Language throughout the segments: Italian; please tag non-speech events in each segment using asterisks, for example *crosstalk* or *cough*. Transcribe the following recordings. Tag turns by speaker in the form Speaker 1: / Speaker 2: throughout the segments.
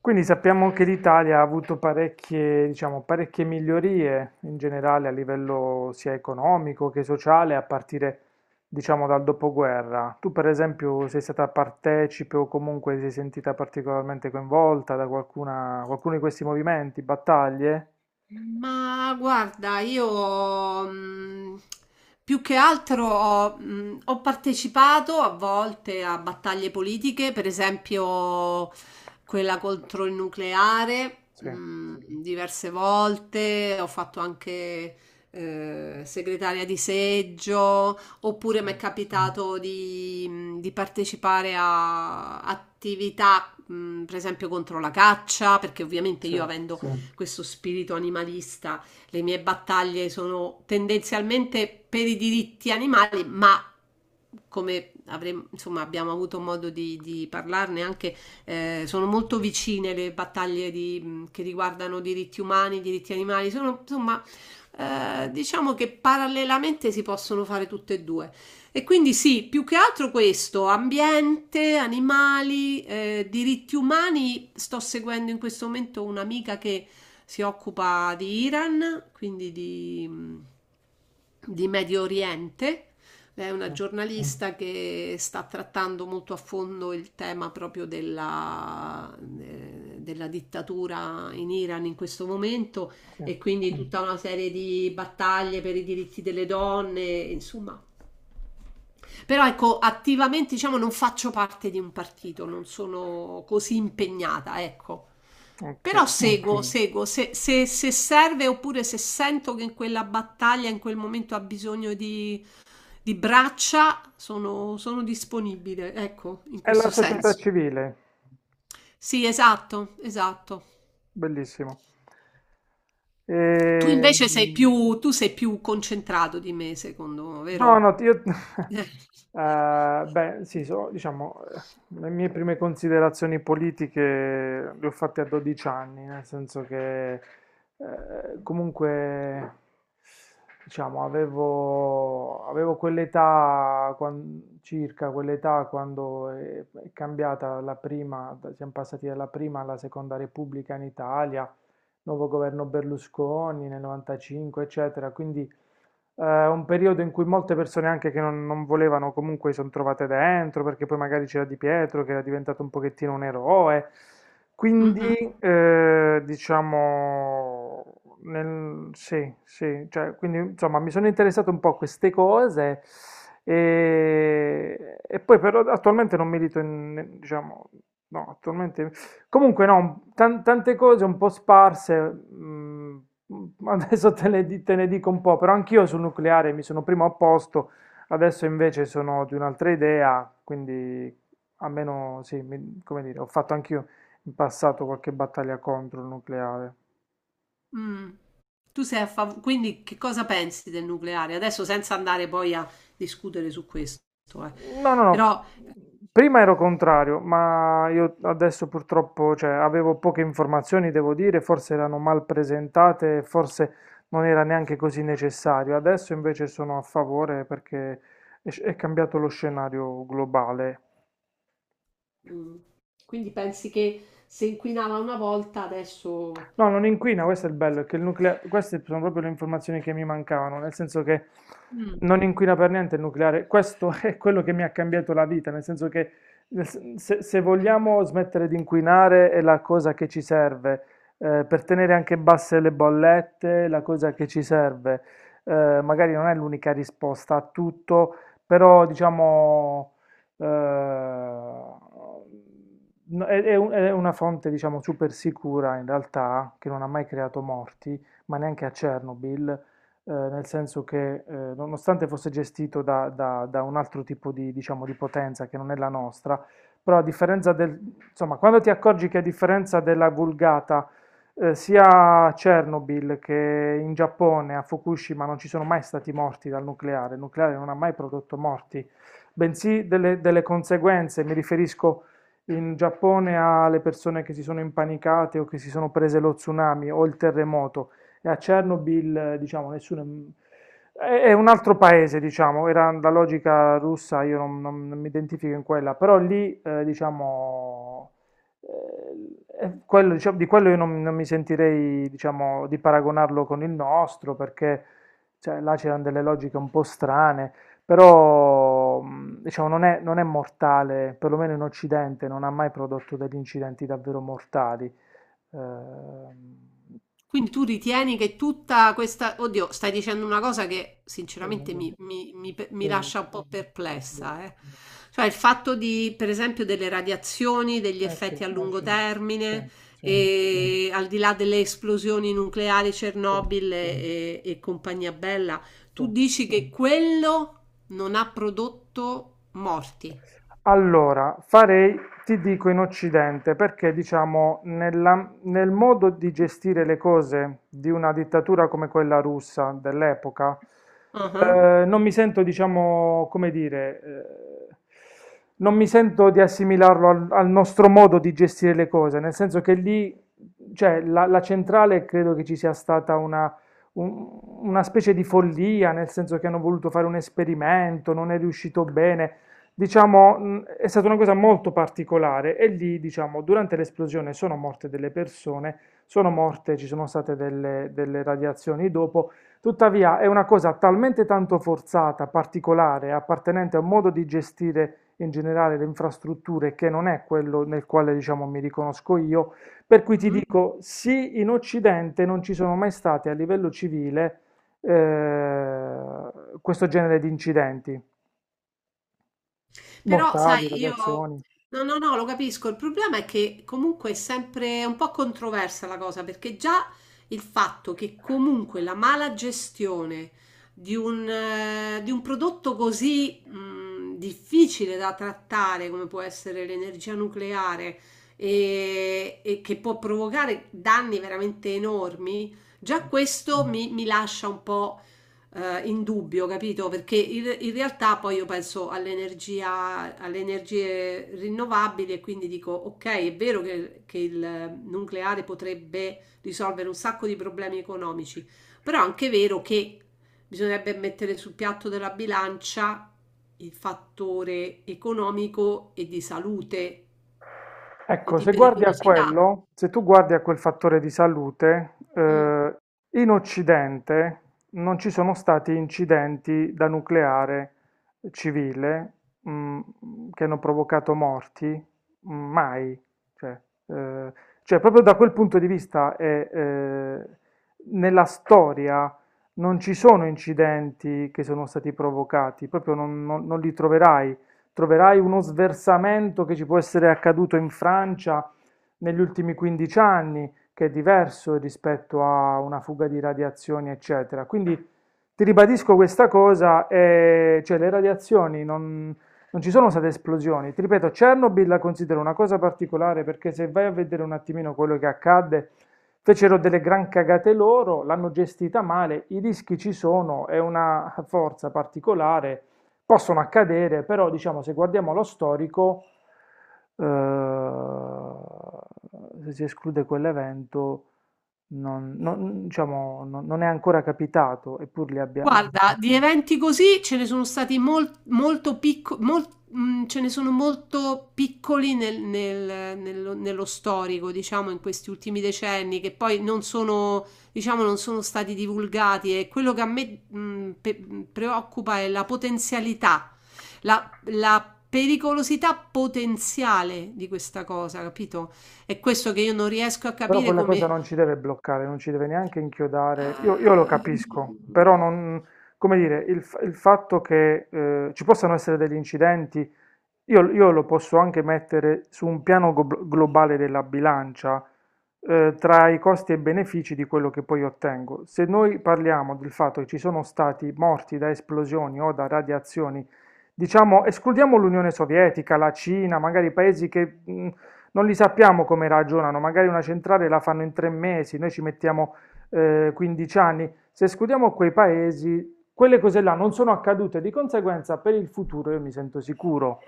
Speaker 1: Quindi sappiamo che l'Italia ha avuto parecchie, diciamo, parecchie migliorie in generale a livello sia economico che sociale a partire, diciamo, dal dopoguerra. Tu, per esempio, sei stata partecipe o comunque ti sei sentita particolarmente coinvolta da qualcuna, qualcuno di questi movimenti, battaglie?
Speaker 2: Ma guarda, io più che altro ho partecipato a volte a battaglie politiche, per esempio quella contro il nucleare,
Speaker 1: Sì,
Speaker 2: diverse volte, ho fatto anche segretaria di seggio, oppure
Speaker 1: sì,
Speaker 2: mi è capitato di partecipare a attività, per esempio contro la caccia, perché ovviamente
Speaker 1: sì,
Speaker 2: io avendo, sì, questo spirito animalista. Le mie battaglie sono tendenzialmente per i diritti animali, ma come avremo, insomma, abbiamo avuto modo di parlarne anche, sono molto vicine le battaglie che riguardano diritti umani, diritti animali, sono insomma, diciamo che parallelamente si possono fare tutte e due. E quindi sì, più che altro questo, ambiente, animali, diritti umani, sto seguendo in questo momento un'amica che si occupa di Iran, quindi di Medio Oriente. Lei è
Speaker 1: sì,
Speaker 2: una giornalista che sta trattando molto a fondo il tema proprio della dittatura in Iran in questo momento
Speaker 1: sì.
Speaker 2: e quindi tutta una serie di battaglie per i diritti delle donne, insomma, però ecco, attivamente diciamo non faccio parte di un partito, non sono così impegnata, ecco.
Speaker 1: Ok.
Speaker 2: Però seguo, ok, seguo, se serve oppure se sento che in quella battaglia, in quel momento ha bisogno di braccia, sono disponibile, ecco, in
Speaker 1: È la
Speaker 2: questo
Speaker 1: società
Speaker 2: senso.
Speaker 1: civile,
Speaker 2: Sì, esatto, esatto.
Speaker 1: bellissimo.
Speaker 2: Tu invece sei
Speaker 1: Ehm,
Speaker 2: più, tu sei più concentrato di me, secondo me,
Speaker 1: No,
Speaker 2: vero?
Speaker 1: no, io...
Speaker 2: Eh.
Speaker 1: *laughs* beh, sì, diciamo, le mie prime considerazioni politiche le ho fatte a 12 anni, nel senso che comunque, diciamo, avevo quell'età, circa quell'età quando è cambiata la prima, siamo passati dalla prima alla seconda Repubblica in Italia, nuovo governo Berlusconi nel 95, eccetera, quindi un periodo in cui molte persone anche che non, non volevano comunque si sono trovate dentro, perché poi magari c'era Di Pietro che era diventato un pochettino un eroe.
Speaker 2: Mm, mm,
Speaker 1: Quindi, diciamo, sì, sì, cioè, quindi insomma mi sono interessato un po' a queste cose e poi però attualmente non milito in, diciamo, no, attualmente comunque no, tante cose un po' sparse, *laughs* adesso te ne dico un po', però anch'io sul nucleare mi sono prima opposto, adesso invece sono di un'altra idea, quindi almeno sì, come dire, ho fatto anch'io in passato qualche battaglia contro il nucleare.
Speaker 2: mm. Tu sei a favore, quindi che cosa pensi del nucleare? Adesso senza andare poi a discutere su questo, eh.
Speaker 1: No, no, no.
Speaker 2: Però
Speaker 1: Prima ero contrario, ma io adesso purtroppo, cioè, avevo poche informazioni, devo dire, forse erano mal presentate, forse non era neanche così necessario. Adesso invece sono a favore perché è cambiato lo scenario globale.
Speaker 2: mm, quindi pensi che se inquinava una volta adesso.
Speaker 1: No, non inquina, questo è il bello, è che il nucleare, queste sono proprio le informazioni che mi mancavano, nel senso che
Speaker 2: Mm.
Speaker 1: non inquina per niente il nucleare, questo *laughs* è quello che mi ha cambiato la vita, nel senso che se vogliamo smettere di inquinare è la cosa che ci serve, per tenere anche basse le bollette, è la cosa che ci serve. Magari non è l'unica risposta a tutto, però diciamo No, è una fonte, diciamo, super sicura in realtà, che non ha mai creato morti, ma neanche a Chernobyl, nel senso che, nonostante fosse gestito da un altro tipo di, diciamo, di potenza che non è la nostra, però a differenza del, insomma, quando ti accorgi che a differenza della vulgata, sia a Chernobyl che in Giappone, a Fukushima, non ci sono mai stati morti dal nucleare, il nucleare non ha mai prodotto morti, bensì delle conseguenze, mi riferisco in Giappone ha le persone che si sono impanicate o che si sono prese lo tsunami o il terremoto e a Chernobyl, diciamo, nessuno... È un altro paese, diciamo, era la logica russa, io non mi identifico in quella, però lì, diciamo, è quello, diciamo, di quello io non mi sentirei, diciamo, di paragonarlo con il nostro, perché cioè, là c'erano delle logiche un po' strane. Però, diciamo, non è mortale, perlomeno in Occidente, non ha mai prodotto degli incidenti davvero mortali. Ehm,
Speaker 2: Quindi tu ritieni che tutta questa. Oddio, stai dicendo una cosa che
Speaker 1: dimmi,
Speaker 2: sinceramente
Speaker 1: dimmi,
Speaker 2: mi
Speaker 1: dimmi,
Speaker 2: lascia un po'
Speaker 1: dimmi.
Speaker 2: perplessa, eh. Cioè il fatto di, per esempio, delle radiazioni, degli
Speaker 1: Eh sì,
Speaker 2: effetti a lungo
Speaker 1: sì,
Speaker 2: termine,
Speaker 1: sì,
Speaker 2: e al di là delle esplosioni nucleari,
Speaker 1: sì,
Speaker 2: Chernobyl e compagnia bella,
Speaker 1: sì.
Speaker 2: tu dici che quello non ha prodotto morti.
Speaker 1: Allora, farei, ti dico in Occidente, perché diciamo nella- nel modo di gestire le cose di una dittatura come quella russa dell'epoca,
Speaker 2: Ah, ah.
Speaker 1: non mi sento, diciamo, come dire, eh, non mi sento di assimilarlo al, al nostro modo di gestire le cose, nel senso che lì, cioè, la centrale credo che ci sia stata una una specie di follia, nel senso che hanno voluto fare un esperimento, non è riuscito bene. Diciamo, è stata una cosa molto particolare e lì, diciamo, durante l'esplosione sono morte delle persone, sono morte, ci sono state delle radiazioni dopo, tuttavia è una cosa talmente tanto forzata, particolare, appartenente a un modo di gestire in generale le infrastrutture che non è quello nel quale, diciamo, mi riconosco io, per cui ti
Speaker 2: Mhm.
Speaker 1: dico, sì, in Occidente non ci sono mai stati a livello civile eh, questo genere di incidenti
Speaker 2: Però sai
Speaker 1: mortali,
Speaker 2: io
Speaker 1: radiazioni.
Speaker 2: no, no, no, lo capisco. Il problema è che comunque è sempre un po' controversa la cosa, perché già il fatto che comunque la mala gestione di un prodotto così difficile da trattare come può essere l'energia nucleare e che può provocare danni veramente enormi, già questo mi lascia un po' in dubbio, capito? Perché in realtà poi io penso all'energia, alle energie rinnovabili e quindi dico, ok, è vero che il nucleare potrebbe risolvere un sacco di problemi economici, però è anche vero che bisognerebbe mettere sul piatto della bilancia il fattore economico e di salute e
Speaker 1: Ecco,
Speaker 2: di
Speaker 1: se guardi a
Speaker 2: pericolosità.
Speaker 1: quello, se tu guardi a quel fattore di salute,
Speaker 2: Mm.
Speaker 1: in Occidente non ci sono stati incidenti da nucleare civile, mm, che hanno provocato morti, mm, mai. Cioè, eh, cioè, proprio da quel punto di vista, è, nella storia non ci sono incidenti che sono stati provocati, proprio non li troverai uno sversamento che ci può essere accaduto in Francia negli ultimi 15 anni, che è diverso rispetto a una fuga di radiazioni, eccetera. Quindi ti ribadisco questa cosa, cioè le radiazioni non, non ci sono state esplosioni. Ti ripeto, Chernobyl la considero una cosa particolare perché se vai a vedere un attimino quello che accadde, fecero delle gran cagate loro, l'hanno gestita male, i rischi ci sono, è una forza particolare possono accadere, però diciamo se guardiamo lo storico, se si esclude quell'evento, diciamo, non è ancora capitato, eppur li abbia...
Speaker 2: Guarda, di eventi così ce ne sono stati molto piccoli, ce ne sono molto piccoli nello storico, diciamo, in questi ultimi decenni, che poi non sono, diciamo, non sono stati divulgati. E quello che a me preoccupa è la potenzialità, la pericolosità potenziale di questa cosa, capito? È questo che io non riesco a
Speaker 1: Però
Speaker 2: capire
Speaker 1: quella cosa
Speaker 2: come.
Speaker 1: non ci deve bloccare, non ci deve neanche inchiodare. Io lo
Speaker 2: Eh,
Speaker 1: capisco, però non, come dire, il fatto che ci possano essere degli incidenti io lo posso anche mettere su un piano globale della bilancia, tra i costi e benefici di quello che poi ottengo. Se noi parliamo del fatto che ci sono stati morti da esplosioni o da radiazioni, diciamo, escludiamo l'Unione Sovietica, la Cina, magari paesi che non li sappiamo come ragionano, magari una centrale la fanno in 3 mesi, noi ci mettiamo 15 anni. Se escludiamo quei paesi, quelle cose là non sono accadute, di conseguenza per il futuro io mi sento sicuro.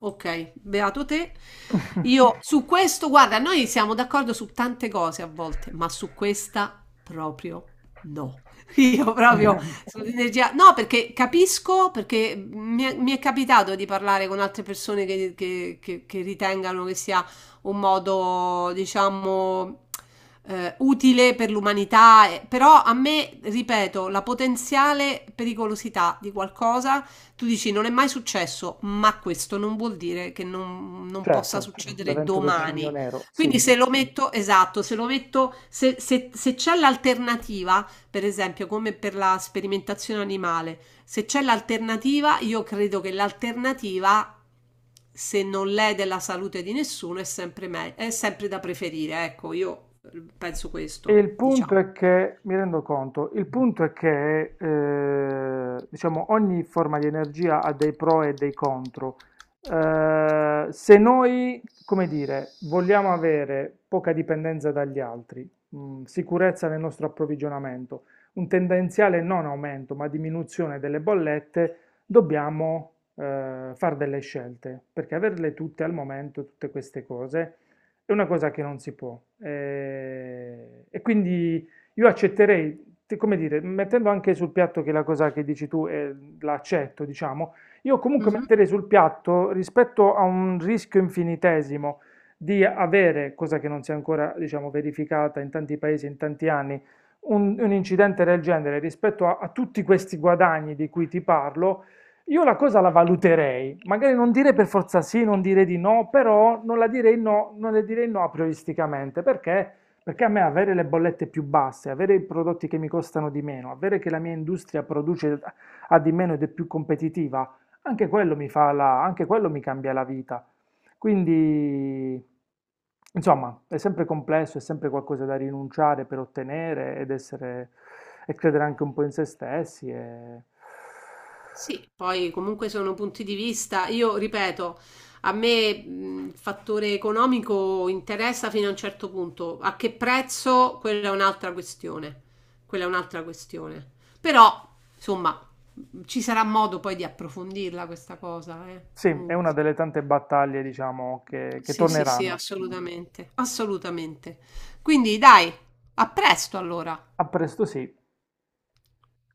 Speaker 2: ok, beato te.
Speaker 1: *laughs*
Speaker 2: Io su questo, guarda, noi siamo d'accordo su tante cose a volte, ma su questa proprio no. *laughs* Io proprio sull'energia, no, perché capisco, perché mi è capitato di parlare con altre persone che ritengano che sia un modo, diciamo, utile per l'umanità, però a me, ripeto, la potenziale pericolosità di qualcosa tu dici non è mai successo, ma questo non vuol dire che non possa
Speaker 1: Certo,
Speaker 2: succedere
Speaker 1: l'evento del Cigno
Speaker 2: domani.
Speaker 1: Nero, sì.
Speaker 2: Quindi se lo metto, esatto, se lo metto, se c'è l'alternativa, per esempio come per la sperimentazione animale, se c'è l'alternativa, io credo che l'alternativa, se non l'è della salute di nessuno, è sempre, è sempre da preferire. Ecco, io penso
Speaker 1: E il
Speaker 2: questo,
Speaker 1: punto
Speaker 2: diciamo.
Speaker 1: è che, mi rendo conto, il punto è che diciamo, ogni forma di energia ha dei pro e dei contro. Se noi, come dire, vogliamo avere poca dipendenza dagli altri, sicurezza nel nostro approvvigionamento, un tendenziale non aumento ma diminuzione delle bollette, dobbiamo fare delle scelte, perché averle tutte al momento, tutte queste cose, è una cosa che non si può. E quindi io accetterei, come dire, mettendo anche sul piatto che la cosa che dici tu l'accetto, diciamo, io comunque
Speaker 2: Mhm.
Speaker 1: metterei sul piatto rispetto a un rischio infinitesimo di avere, cosa che non si è ancora, diciamo, verificata in tanti paesi, in tanti anni, un incidente del genere rispetto a tutti questi guadagni di cui ti parlo io la cosa la valuterei, magari non dire per forza sì, non dire di no, però non la direi no, non le direi no aprioristicamente, perché? Perché a me avere le bollette più basse, avere i prodotti che mi costano di meno, avere che la mia industria produce a di meno ed è più competitiva, anche quello mi fa la, anche quello mi cambia la vita. Quindi, insomma, è sempre complesso, è sempre qualcosa da rinunciare per ottenere ed essere, e credere anche un po' in se stessi e
Speaker 2: Sì, poi comunque sono punti di vista. Io ripeto, a me il fattore economico interessa fino a un certo punto. A che prezzo? Quella è un'altra questione. Quella è un'altra questione. Però, insomma, ci sarà modo poi di approfondirla questa cosa,
Speaker 1: sì, è una
Speaker 2: comunque.
Speaker 1: delle tante battaglie, diciamo, che
Speaker 2: Sì, sì, sì,
Speaker 1: torneranno.
Speaker 2: assolutamente. Assolutamente. Quindi, dai, a presto allora.
Speaker 1: A presto sì.